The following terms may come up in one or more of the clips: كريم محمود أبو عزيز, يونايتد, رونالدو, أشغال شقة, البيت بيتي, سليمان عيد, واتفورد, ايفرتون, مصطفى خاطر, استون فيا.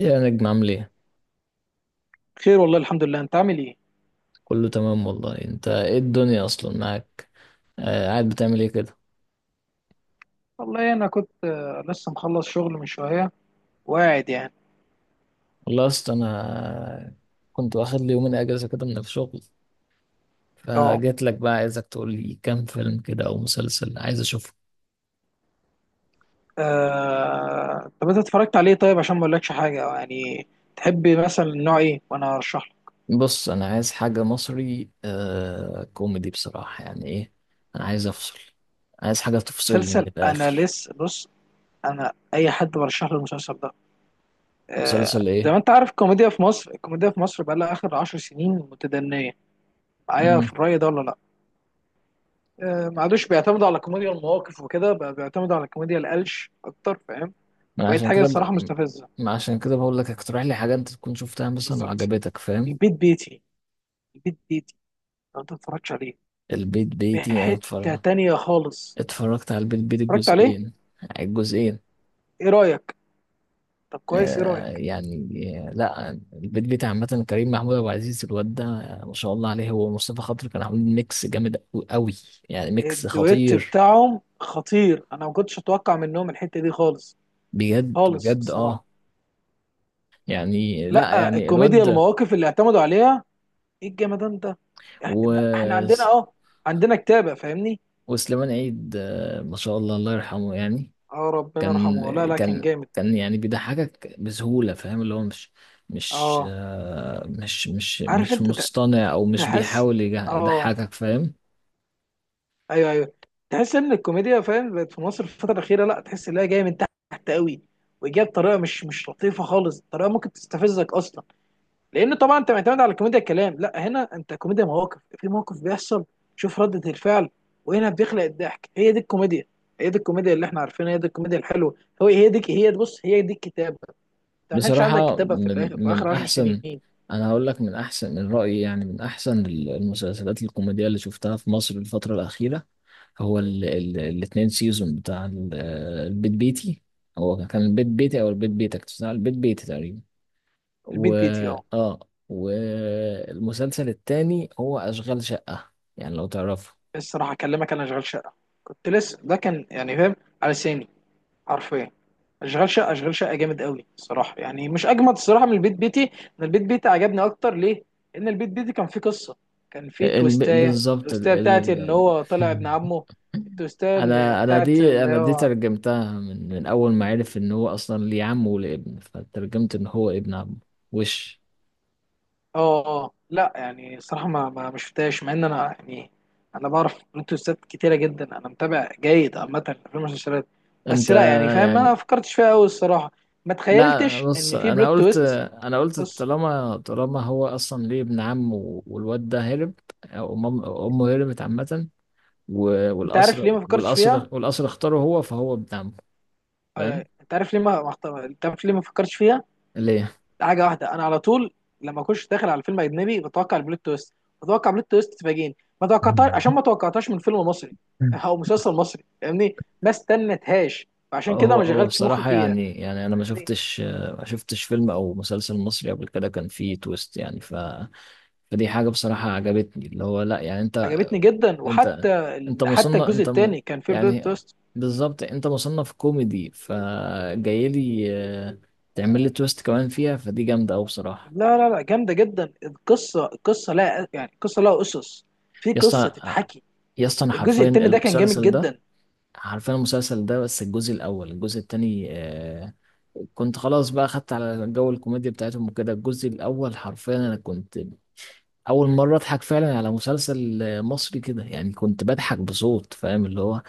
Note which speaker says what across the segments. Speaker 1: إيه يا نجم، عامل ايه؟
Speaker 2: خير والله الحمد لله، انت عامل ايه؟
Speaker 1: كله تمام والله، انت ايه الدنيا اصلا معاك. آه، قاعد بتعمل ايه كده؟
Speaker 2: والله انا كنت لسه مخلص شغل من شويه وقاعد يعني.
Speaker 1: والله اصلا انا كنت واخد لي يومين اجازه كده من الشغل،
Speaker 2: اه،
Speaker 1: فجيت لك بقى عايزك تقول لي كام فيلم كده او مسلسل عايز اشوفه.
Speaker 2: طب انت اتفرجت عليه؟ طيب عشان ما اقولكش حاجه، يعني تحب مثلا نوع ايه وانا ارشح لك
Speaker 1: بص، انا عايز حاجه مصري كوميدي بصراحه، يعني ايه. انا عايز افصل، عايز حاجه تفصلني من
Speaker 2: مسلسل. انا
Speaker 1: الاخر.
Speaker 2: لسه بص، انا اي حد برشح له المسلسل ده.
Speaker 1: مسلسل
Speaker 2: زي ما
Speaker 1: ايه؟
Speaker 2: انت عارف، الكوميديا في مصر، الكوميديا في مصر بقى لها اخر عشر سنين متدنيه. معايا
Speaker 1: امم
Speaker 2: في الرأي ده ولا لا؟ ما عادوش بيعتمدوا على كوميديا المواقف وكده، بقى بيعتمدوا على كوميديا القلش اكتر، فاهم؟
Speaker 1: ما
Speaker 2: بقت
Speaker 1: عشان
Speaker 2: حاجه
Speaker 1: كده
Speaker 2: الصراحه
Speaker 1: بقى،
Speaker 2: مستفزه.
Speaker 1: ما عشان كده بقول لك اقترح لي حاجه انت تكون شفتها مثلا
Speaker 2: بالظبط،
Speaker 1: وعجبتك فاهم.
Speaker 2: البيت بيتي، البيت بيتي لو انت متفرجتش عليه
Speaker 1: البيت
Speaker 2: في
Speaker 1: بيتي انا
Speaker 2: حتة
Speaker 1: اتفرج،
Speaker 2: تانية خالص.
Speaker 1: اتفرجت على البيت بيتي
Speaker 2: اتفرجت عليه؟
Speaker 1: الجزئين الجزئين.
Speaker 2: ايه رأيك؟ طب كويس، ايه
Speaker 1: آه
Speaker 2: رأيك؟
Speaker 1: يعني، آه لا، البيت بيتي عامة كريم محمود أبو عزيز الواد ده، ما شاء الله عليه، هو ومصطفى خاطر كانوا عاملين ميكس جامد قوي، يعني ميكس
Speaker 2: الدويت
Speaker 1: خطير.
Speaker 2: بتاعهم خطير، انا ما كنتش اتوقع منهم الحتة دي خالص،
Speaker 1: بجد
Speaker 2: خالص
Speaker 1: بجد،
Speaker 2: الصراحة.
Speaker 1: اه، يعني لا
Speaker 2: لا،
Speaker 1: يعني الواد
Speaker 2: الكوميديا
Speaker 1: ده.
Speaker 2: المواقف اللي اعتمدوا عليها، ايه الجمدان ده!
Speaker 1: و...
Speaker 2: ده احنا عندنا اه، عندنا كتابة فاهمني.
Speaker 1: وسليمان عيد، ما شاء الله، الله يرحمه يعني.
Speaker 2: اه، ربنا
Speaker 1: كان
Speaker 2: يرحمه، لا لا كان
Speaker 1: كان
Speaker 2: جامد.
Speaker 1: كان يعني بيضحكك بسهولة، فاهم اللي هو مش، مش
Speaker 2: اه،
Speaker 1: آه، مش مش
Speaker 2: عارف
Speaker 1: مش
Speaker 2: انت،
Speaker 1: مصطنع، او مش
Speaker 2: تحس،
Speaker 1: بيحاول
Speaker 2: اه،
Speaker 1: يضحكك فاهم.
Speaker 2: ايوه ايوه، تحس ان الكوميديا، فاهم، بقت في مصر في الفتره الاخيره، لا تحس ان هي جايه من تحت قوي، وجايه بطريقه مش لطيفه خالص، طريقه ممكن تستفزك اصلا. لان طبعا انت معتمد على كوميديا الكلام، لا هنا انت كوميديا مواقف، في موقف بيحصل، شوف ردة الفعل، وهنا بيخلق الضحك. هي دي الكوميديا، هي دي الكوميديا اللي احنا عارفينها، هي دي الكوميديا الحلوه. هو هي دي، هي بص، هي دي الكتابه. انت ما كانش عندك
Speaker 1: بصراحة
Speaker 2: كتابه في
Speaker 1: من
Speaker 2: الاخر، في
Speaker 1: من
Speaker 2: اخر 10
Speaker 1: احسن،
Speaker 2: سنين.
Speaker 1: انا هقول لك من احسن، من رأيي يعني، من احسن المسلسلات الكوميدية اللي شفتها في مصر الفترة الأخيرة. هو ال ال الاتنين سيزون بتاع البيت بيتي، هو كان البيت بيتي او البيت بيتك بتاع البيت بيتي تقريبا. و
Speaker 2: البيت بيتي، اه،
Speaker 1: اه والمسلسل التاني هو أشغال شقة، يعني لو تعرفه.
Speaker 2: الصراحه اكلمك، انا شغال شقه، كنت لسه ده كان يعني فاهم، على سامي، حرفيا. اشغال شقه، اشغال شقه جامد قوي الصراحه، يعني مش اجمد الصراحه من البيت بيتي. انا البيت بيتي عجبني اكتر، ليه؟ ان البيت بيتي كان فيه قصه، كان فيه تويستايه،
Speaker 1: بالظبط
Speaker 2: التويستايه بتاعت ان هو طلع ابن عمه. التويستايه
Speaker 1: انا انا
Speaker 2: بتاعت
Speaker 1: دي
Speaker 2: اللي
Speaker 1: انا دي
Speaker 2: هو اه،
Speaker 1: ترجمتها من اول ما عرف ان هو اصلا ليه عم وليه ابن، فترجمت ان هو ابن عم. وش
Speaker 2: اه، لا يعني الصراحه ما شفتهاش، مع ان انا يعني انا بعرف بلوت تويستات كتيره جدا، انا متابع جيد عامه في المسلسلات،
Speaker 1: انت
Speaker 2: بس لا يعني فاهم، ما
Speaker 1: يعني،
Speaker 2: فكرتش فيها قوي الصراحه، ما
Speaker 1: لا
Speaker 2: تخيلتش
Speaker 1: بص،
Speaker 2: ان في
Speaker 1: انا
Speaker 2: بلوت
Speaker 1: قلت،
Speaker 2: تويست.
Speaker 1: انا قلت
Speaker 2: بص،
Speaker 1: طالما هو اصلا ليه ابن عم والواد ده هرب، او أم- امه هربت عامه،
Speaker 2: انت عارف
Speaker 1: والقصر
Speaker 2: ليه ما فكرتش فيها؟
Speaker 1: اختاره هو، فهو ابن عمه،
Speaker 2: أي-
Speaker 1: فاهم
Speaker 2: انت عارف ليه ما اختار، انت عارف ليه ما فكرتش فيها؟
Speaker 1: ليه.
Speaker 2: حاجه واحده، انا على طول لما اخش داخل على فيلم اجنبي بتوقع البلوت تويست، بتوقع بلوت تويست تفاجئني ما توقعتهاش، عشان ما توقعتهاش من فيلم مصري او مسلسل مصري، فاهمني، ما استنتهاش، فعشان كده
Speaker 1: هو
Speaker 2: ما
Speaker 1: هو
Speaker 2: شغلتش مخي
Speaker 1: بصراحة
Speaker 2: فيها.
Speaker 1: يعني أنا
Speaker 2: فاهمني؟
Speaker 1: ما شفتش فيلم أو مسلسل مصري قبل كده كان فيه تويست يعني فدي حاجة بصراحة عجبتني، اللي هو لا يعني
Speaker 2: عجبتني جدا،
Speaker 1: أنت
Speaker 2: وحتى
Speaker 1: أنت
Speaker 2: حتى
Speaker 1: مصنف
Speaker 2: الجزء الثاني كان فيه بلوت
Speaker 1: يعني
Speaker 2: تويست.
Speaker 1: بالظبط أنت مصنف كوميدي، فجاي لي آه، تعمل لي تويست كمان فيها، فدي جامدة أوي بصراحة.
Speaker 2: لا، جامده جدا، القصه، القصه لا يعني، القصه لها اسس، في
Speaker 1: يا
Speaker 2: قصه
Speaker 1: اسطى
Speaker 2: تتحكي.
Speaker 1: يا اسطى أنا
Speaker 2: الجزء
Speaker 1: حرفيا
Speaker 2: الثاني ده كان جامد
Speaker 1: المسلسل ده،
Speaker 2: جدا.
Speaker 1: عارفين المسلسل ده بس، الجزء الأول الجزء التاني كنت خلاص بقى خدت على جو الكوميديا بتاعتهم وكده، الجزء الأول حرفيا أنا كنت أول مرة أضحك فعلا على مسلسل مصري كده، يعني كنت بضحك بصوت، فاهم اللي هو،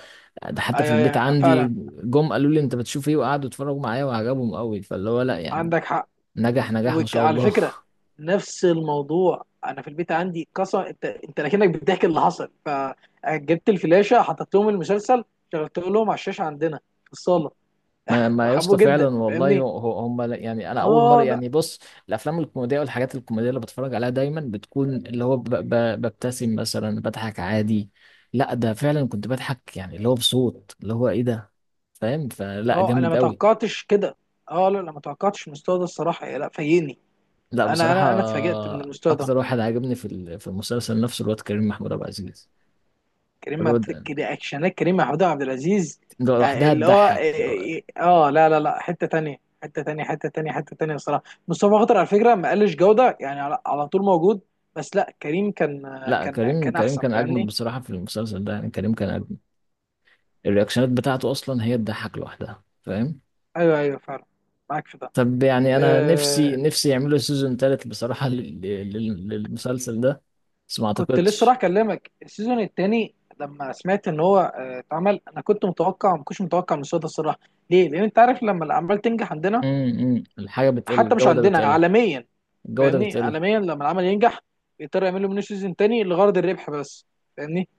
Speaker 1: ده
Speaker 2: أي-
Speaker 1: حتى في البيت
Speaker 2: أي- أي،
Speaker 1: عندي،
Speaker 2: فعلا.
Speaker 1: جم قالوا لي أنت بتشوف إيه، وقعدوا يتفرجوا معايا وعجبهم قوي، فاللي هو لأ يعني،
Speaker 2: عندك حق.
Speaker 1: نجح نجاح ما شاء
Speaker 2: وعلى
Speaker 1: الله.
Speaker 2: فكره، نفس الموضوع، انا في البيت عندي قصه، انت انت لكنك بتحكي اللي حصل، فجبت الفلاشه حطيت لهم المسلسل، شغلت لهم على الشاشه عندنا في الصاله،
Speaker 1: ما ما يا اسطى
Speaker 2: وحبوه
Speaker 1: فعلا
Speaker 2: جدا
Speaker 1: والله،
Speaker 2: فاهمني.
Speaker 1: هو- هم لا- يعني انا اول مره
Speaker 2: اه لا،
Speaker 1: يعني بص، الافلام الكوميديه والحاجات الكوميديه اللي بتفرج عليها دايما بتكون اللي هو ببتسم مثلا، بضحك عادي، لا ده فعلا كنت بضحك يعني اللي هو بصوت، اللي هو ايه ده، فاهم، فلا
Speaker 2: اه، انا
Speaker 1: جامد
Speaker 2: ما
Speaker 1: قوي،
Speaker 2: توقعتش كده، اه، لا لا ما توقعتش المستوى ده الصراحه، لا فاجئني،
Speaker 1: لا
Speaker 2: انا
Speaker 1: بصراحه.
Speaker 2: انا انا اتفاجئت من المستوى ده.
Speaker 1: اكتر واحد عجبني في المسلسل نفسه الواد كريم محمود عبد العزيز، الواد
Speaker 2: كده اكشنات كريم محمود عبد العزيز، يعني
Speaker 1: لوحدها
Speaker 2: اللي هو
Speaker 1: تضحك.
Speaker 2: إيه، إيه، اه، لا حته تانية، حته تانية، حته تانية، حته تانية الصراحه. مصطفى خاطر على فكره ما قلش جوده، يعني على، على طول موجود، بس لا كريم كان،
Speaker 1: لا
Speaker 2: كان
Speaker 1: كريم
Speaker 2: كان
Speaker 1: كريم
Speaker 2: احسن
Speaker 1: كان اجمد
Speaker 2: فاهمني.
Speaker 1: بصراحه في المسلسل ده يعني، كريم كان اجمد، الرياكشنات بتاعته اصلا هي تضحك لوحدها، فاهم.
Speaker 2: ايوه ايوه فعلا، معاك في ده.
Speaker 1: طب يعني انا نفسي
Speaker 2: آه،
Speaker 1: نفسي يعملوا سيزون تالت بصراحة، للمسلسل ده، بس ما
Speaker 2: كنت لسه راح
Speaker 1: اعتقدش.
Speaker 2: اكلمك. السيزون الثاني لما سمعت ان هو اتعمل، انا كنت متوقع، ما كنتش متوقع من الصوت الصراحه، ليه؟ لان انت عارف لما الاعمال تنجح عندنا،
Speaker 1: الحاجة بتقل،
Speaker 2: حتى مش
Speaker 1: الجودة
Speaker 2: عندنا،
Speaker 1: بتقل،
Speaker 2: عالميا
Speaker 1: الجودة
Speaker 2: فاهمني،
Speaker 1: بتقل،
Speaker 2: عالميا لما العمل ينجح بيضطروا يعملوا منه سيزون تاني لغرض الربح بس، فاهمني.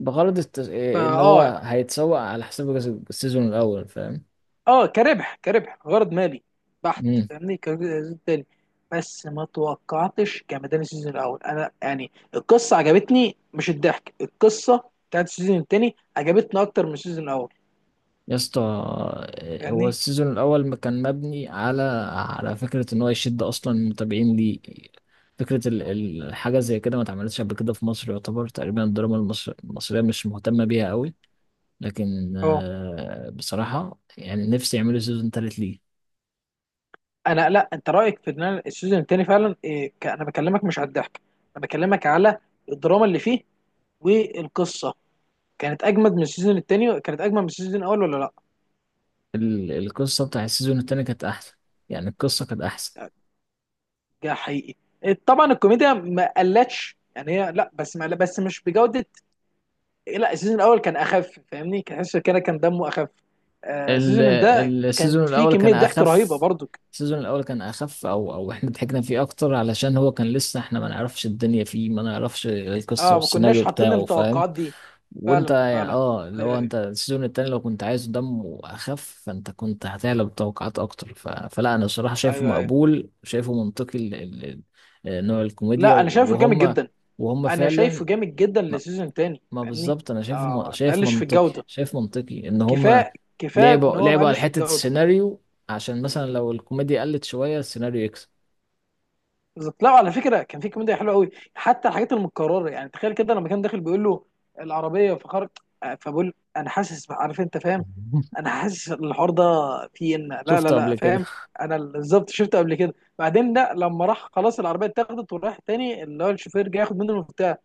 Speaker 1: بغرض
Speaker 2: فاه،
Speaker 1: ان هو
Speaker 2: اه،
Speaker 1: هيتسوق على حساب السيزون الاول فاهم.
Speaker 2: كربح، كربح غرض مالي بحت،
Speaker 1: امم
Speaker 2: فاهمني، كسيزون تاني. بس ما توقعتش جمدان السيزون الاول انا يعني. القصه عجبتني، مش الضحك، القصه بتاعت السيزون التاني عجبتني اكتر من السيزون الاول
Speaker 1: يا اسطى، هو
Speaker 2: فاهمني.
Speaker 1: السيزون الاول ما كان مبني على فكرة ان هو يشد اصلا المتابعين ليه، فكرة الحاجة زي كده ما اتعملتش قبل كده في مصر، يعتبر تقريبا الدراما المصرية مش مهتمة بيها قوي، لكن
Speaker 2: اه،
Speaker 1: بصراحة يعني نفسي يعملوا سيزون تالت ليه.
Speaker 2: انا لا، انت رايك في ان أنا السيزون التاني فعلا إيه؟ انا بكلمك مش على الضحك، انا بكلمك على الدراما اللي فيه والقصه، كانت اجمد من السيزون الثاني، كانت اجمد من السيزون الاول ولا لا؟
Speaker 1: القصة بتاع السيزون التاني كانت أحسن، يعني القصة كانت أحسن.
Speaker 2: ده حقيقي. طبعا الكوميديا ما قلتش يعني هي، لا بس ما بس مش بجوده. لا السيزون الاول كان اخف فاهمني، كان حاسس كده كان دمه اخف.
Speaker 1: ال-
Speaker 2: السيزون ده كان
Speaker 1: السيزون
Speaker 2: فيه
Speaker 1: الأول كان
Speaker 2: كميه ضحك
Speaker 1: أخف،
Speaker 2: رهيبه برضو.
Speaker 1: السيزون الأول كان أخف أو إحنا ضحكنا فيه أكتر علشان هو كان لسه إحنا ما نعرفش الدنيا فيه، ما نعرفش القصة
Speaker 2: اه ما كناش
Speaker 1: والسيناريو
Speaker 2: حاطين
Speaker 1: بتاعه، فاهم.
Speaker 2: التوقعات دي.
Speaker 1: وانت
Speaker 2: فعلا
Speaker 1: يعني
Speaker 2: فعلا،
Speaker 1: اللي هو
Speaker 2: ايوه ايوه،
Speaker 1: انت السيزون التاني لو كنت عايزه دمه اخف، فانت كنت هتعلى بالتوقعات اكتر فلا انا الصراحه شايفه
Speaker 2: ايوه أيوه.
Speaker 1: مقبول شايفه منطقي نوع الكوميديا
Speaker 2: لا انا شايفه جامد
Speaker 1: وهم،
Speaker 2: جدا،
Speaker 1: وهم
Speaker 2: انا شايفه
Speaker 1: فعلا.
Speaker 2: جامد جدا
Speaker 1: ما,
Speaker 2: للسيزون الثاني
Speaker 1: ما
Speaker 2: فاهمني.
Speaker 1: بالظبط انا شايفه
Speaker 2: اه، ما
Speaker 1: شايف
Speaker 2: قلش في
Speaker 1: منطقي
Speaker 2: الجوده،
Speaker 1: ان هم
Speaker 2: كفايه كفايه ان
Speaker 1: لعبوا
Speaker 2: هو ما
Speaker 1: لعبوا على
Speaker 2: قلش في
Speaker 1: حته
Speaker 2: الجوده.
Speaker 1: السيناريو، عشان مثلا لو الكوميديا قلت شويه السيناريو يكسب.
Speaker 2: بالظبط، لا على فكره كان في كوميديا حلوه قوي، حتى الحاجات المتكرره يعني. تخيل كده، لما كان داخل بيقول له العربيه فخرج، فبقول انا حاسس عارف انت فاهم، انا حاسس الحوار ده فيه ان، لا لا
Speaker 1: شفته
Speaker 2: لا
Speaker 1: قبل كده.
Speaker 2: فاهم، انا بالظبط شفته قبل كده. بعدين لا، لما راح خلاص العربيه اتاخدت وراح تاني، اللي هو الشوفير جاي ياخد منه المفتاح،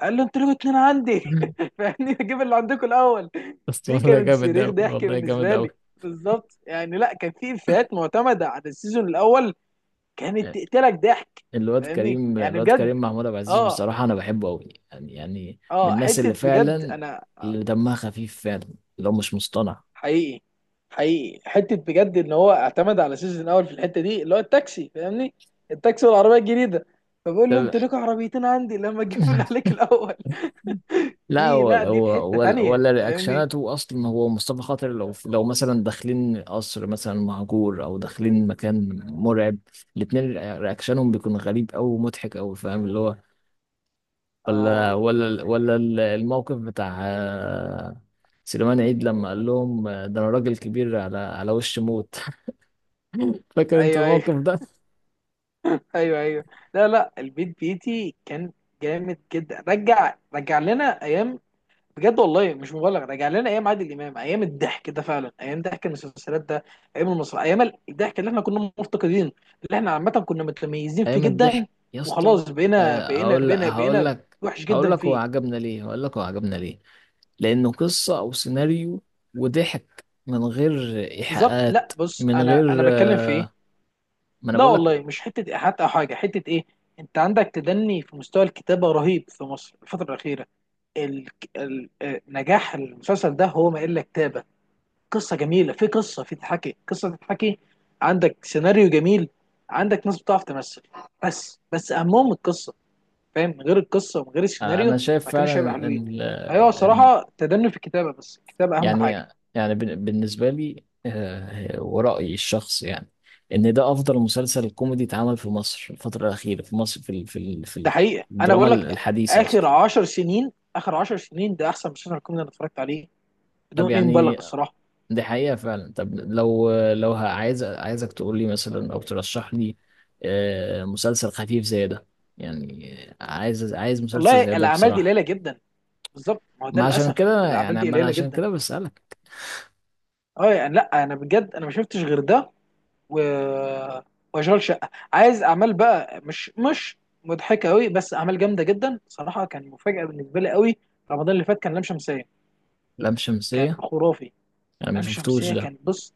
Speaker 2: قال له انتوا ليه اتنين عندي؟ فاهمني، اجيب اللي عندكم الاول.
Speaker 1: بس
Speaker 2: دي
Speaker 1: والله
Speaker 2: كانت
Speaker 1: جامد
Speaker 2: صريخ
Speaker 1: أوي،
Speaker 2: ضحك
Speaker 1: والله جامد
Speaker 2: بالنسبه
Speaker 1: أوي.
Speaker 2: لي بالظبط. يعني لا كان في افيهات معتمده على السيزون الاول، كانت
Speaker 1: آه،
Speaker 2: تقتلك ضحك. فاهمني، يعني
Speaker 1: الواد
Speaker 2: بجد،
Speaker 1: كريم محمود عبد العزيز
Speaker 2: اه،
Speaker 1: بصراحة أنا بحبه أوي، يعني من
Speaker 2: اه،
Speaker 1: الناس
Speaker 2: حته
Speaker 1: اللي
Speaker 2: بجد
Speaker 1: فعلا
Speaker 2: انا،
Speaker 1: اللي دمها خفيف فعلا، اللي هو مش مصطنع.
Speaker 2: حقيقي حقيقي، حته بجد ان هو اعتمد على سيزون اول في الحته دي، اللي هو التاكسي فاهمني، التاكسي والعربيه الجديده، فبقول له انت
Speaker 1: ده-
Speaker 2: ليك عربيتين عندي، لما اجيب اللي عليك الاول.
Speaker 1: لا
Speaker 2: دي لا، دي في حته تانيه
Speaker 1: ولا
Speaker 2: فاهمني.
Speaker 1: رياكشناته أصلا، هو مصطفى خاطر لو مثلا داخلين قصر مثلا مهجور، أو داخلين مكان مرعب، الاتنين رياكشنهم بيكون غريب أوي ومضحك أوي، فاهم اللي هو،
Speaker 2: اه،
Speaker 1: ولا الموقف بتاع سليمان عيد لما قال لهم ده أنا راجل كبير على وش موت، فاكر انت
Speaker 2: ايوه ايوه،
Speaker 1: الموقف ده؟
Speaker 2: ايوه ايوه، لا لا، البيت بيتي كان جامد جدا، رجع لنا ايام، بجد والله مش مبالغ، راجع لنا ايام عادل امام، ايام الضحك ده فعلا، ايام ضحك المسلسلات ده، ايام المصر، ايام الضحك اللي احنا كنا مفتقدين، اللي احنا عامه كنا متميزين فيه
Speaker 1: ايام
Speaker 2: جدا.
Speaker 1: الضحك يا اسطى.
Speaker 2: وخلاص بقينا، بقينا
Speaker 1: هقول لك،
Speaker 2: بقينا بقينا وحش
Speaker 1: هقول
Speaker 2: جدا
Speaker 1: لك هو
Speaker 2: فيه.
Speaker 1: عجبنا ليه، هقول لك هو عجبنا ليه، لانه قصه او سيناريو، وضحك من غير
Speaker 2: بالظبط،
Speaker 1: ايحاءات،
Speaker 2: لا بص،
Speaker 1: من
Speaker 2: انا
Speaker 1: غير
Speaker 2: بتكلم في ايه،
Speaker 1: ما انا
Speaker 2: لا
Speaker 1: بقول لك.
Speaker 2: والله مش حته ايحاءات او حاجه، حته ايه. انت عندك تدني في مستوى الكتابه رهيب في مصر الفتره الاخيره، ال... نجاح المسلسل ده هو ما الا كتابه، قصه جميله، في قصه، في تتحكي، قصه تتحكي، عندك سيناريو جميل، عندك ناس بتعرف تمثل، بس اهمهم القصه، فاهم من غير القصه ومن غير السيناريو
Speaker 1: انا شايف
Speaker 2: ما كانوش هيبقى
Speaker 1: فعلا
Speaker 2: حلوين.
Speaker 1: ان
Speaker 2: ايوه الصراحه تدني في الكتابه، بس الكتابه اهم
Speaker 1: يعني
Speaker 2: حاجه.
Speaker 1: يعني بالنسبه لي، ورايي الشخصي يعني، ان ده افضل مسلسل كوميدي اتعمل في مصر الفتره الاخيره، في مصر في ال- في ال- في
Speaker 2: ده حقيقه، انا
Speaker 1: الدراما
Speaker 2: بقول لك
Speaker 1: الحديثه
Speaker 2: اخر
Speaker 1: اصلا.
Speaker 2: 10 سنين، اخر 10 سنين، ده احسن مسلسل كوميدي انا اتفرجت عليه
Speaker 1: طب
Speaker 2: بدون اي مبالغه
Speaker 1: يعني
Speaker 2: الصراحه.
Speaker 1: دي حقيقة فعلا، طب لو عايز عايزك تقول لي مثلا او ترشح لي مسلسل خفيف زي ده، يعني عايز مسلسل
Speaker 2: والله
Speaker 1: زي ده
Speaker 2: الاعمال دي
Speaker 1: بصراحة،
Speaker 2: قليله جدا، بالظبط، ما هو ده
Speaker 1: ما عشان
Speaker 2: للاسف،
Speaker 1: كده
Speaker 2: الاعمال
Speaker 1: يعني،
Speaker 2: دي
Speaker 1: ما انا
Speaker 2: قليله
Speaker 1: عشان
Speaker 2: جدا.
Speaker 1: كده بسألك.
Speaker 2: اه يعني، لا انا بجد انا ما شفتش غير ده، و... واشغال شقه. عايز اعمال بقى، مش مضحكه قوي، بس اعمال جامده جدا صراحه، كان مفاجاه بالنسبه لي قوي. رمضان اللي فات كان لام شمسيه،
Speaker 1: لام
Speaker 2: كان
Speaker 1: شمسية،
Speaker 2: خرافي.
Speaker 1: انا ما
Speaker 2: لام
Speaker 1: شفتوش
Speaker 2: شمسيه
Speaker 1: ده.
Speaker 2: كان بص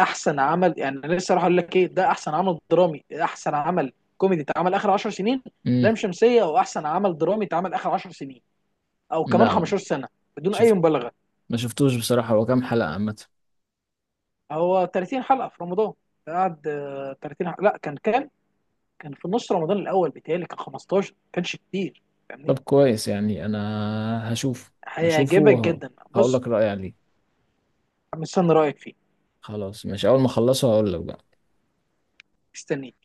Speaker 2: احسن عمل، يعني انا لسه راح اقول لك ايه، ده احسن عمل درامي، احسن عمل كوميدي اتعمل اخر 10 سنين،
Speaker 1: امم
Speaker 2: لام شمسيه، او احسن عمل درامي اتعمل اخر 10 سنين او كمان
Speaker 1: لا
Speaker 2: 15 سنه، بدون اي
Speaker 1: شوف،
Speaker 2: مبالغه.
Speaker 1: ما شفتوش بصراحة، هو كام حلقة عامة؟
Speaker 2: هو 30 حلقه في رمضان، قعد 30 حلقه، لا كان كام؟ كان في نص رمضان الاول بتهيألي كان 15، ما كانش كتير فاهمني.
Speaker 1: طب كويس، يعني انا هشوف، هشوفه
Speaker 2: هيعجبك جدا
Speaker 1: وهقول
Speaker 2: بص.
Speaker 1: لك رأيي عليه.
Speaker 2: مستني رايك فيه،
Speaker 1: خلاص، مش اول ما اخلصه هقول لك بقى.
Speaker 2: مستنيك.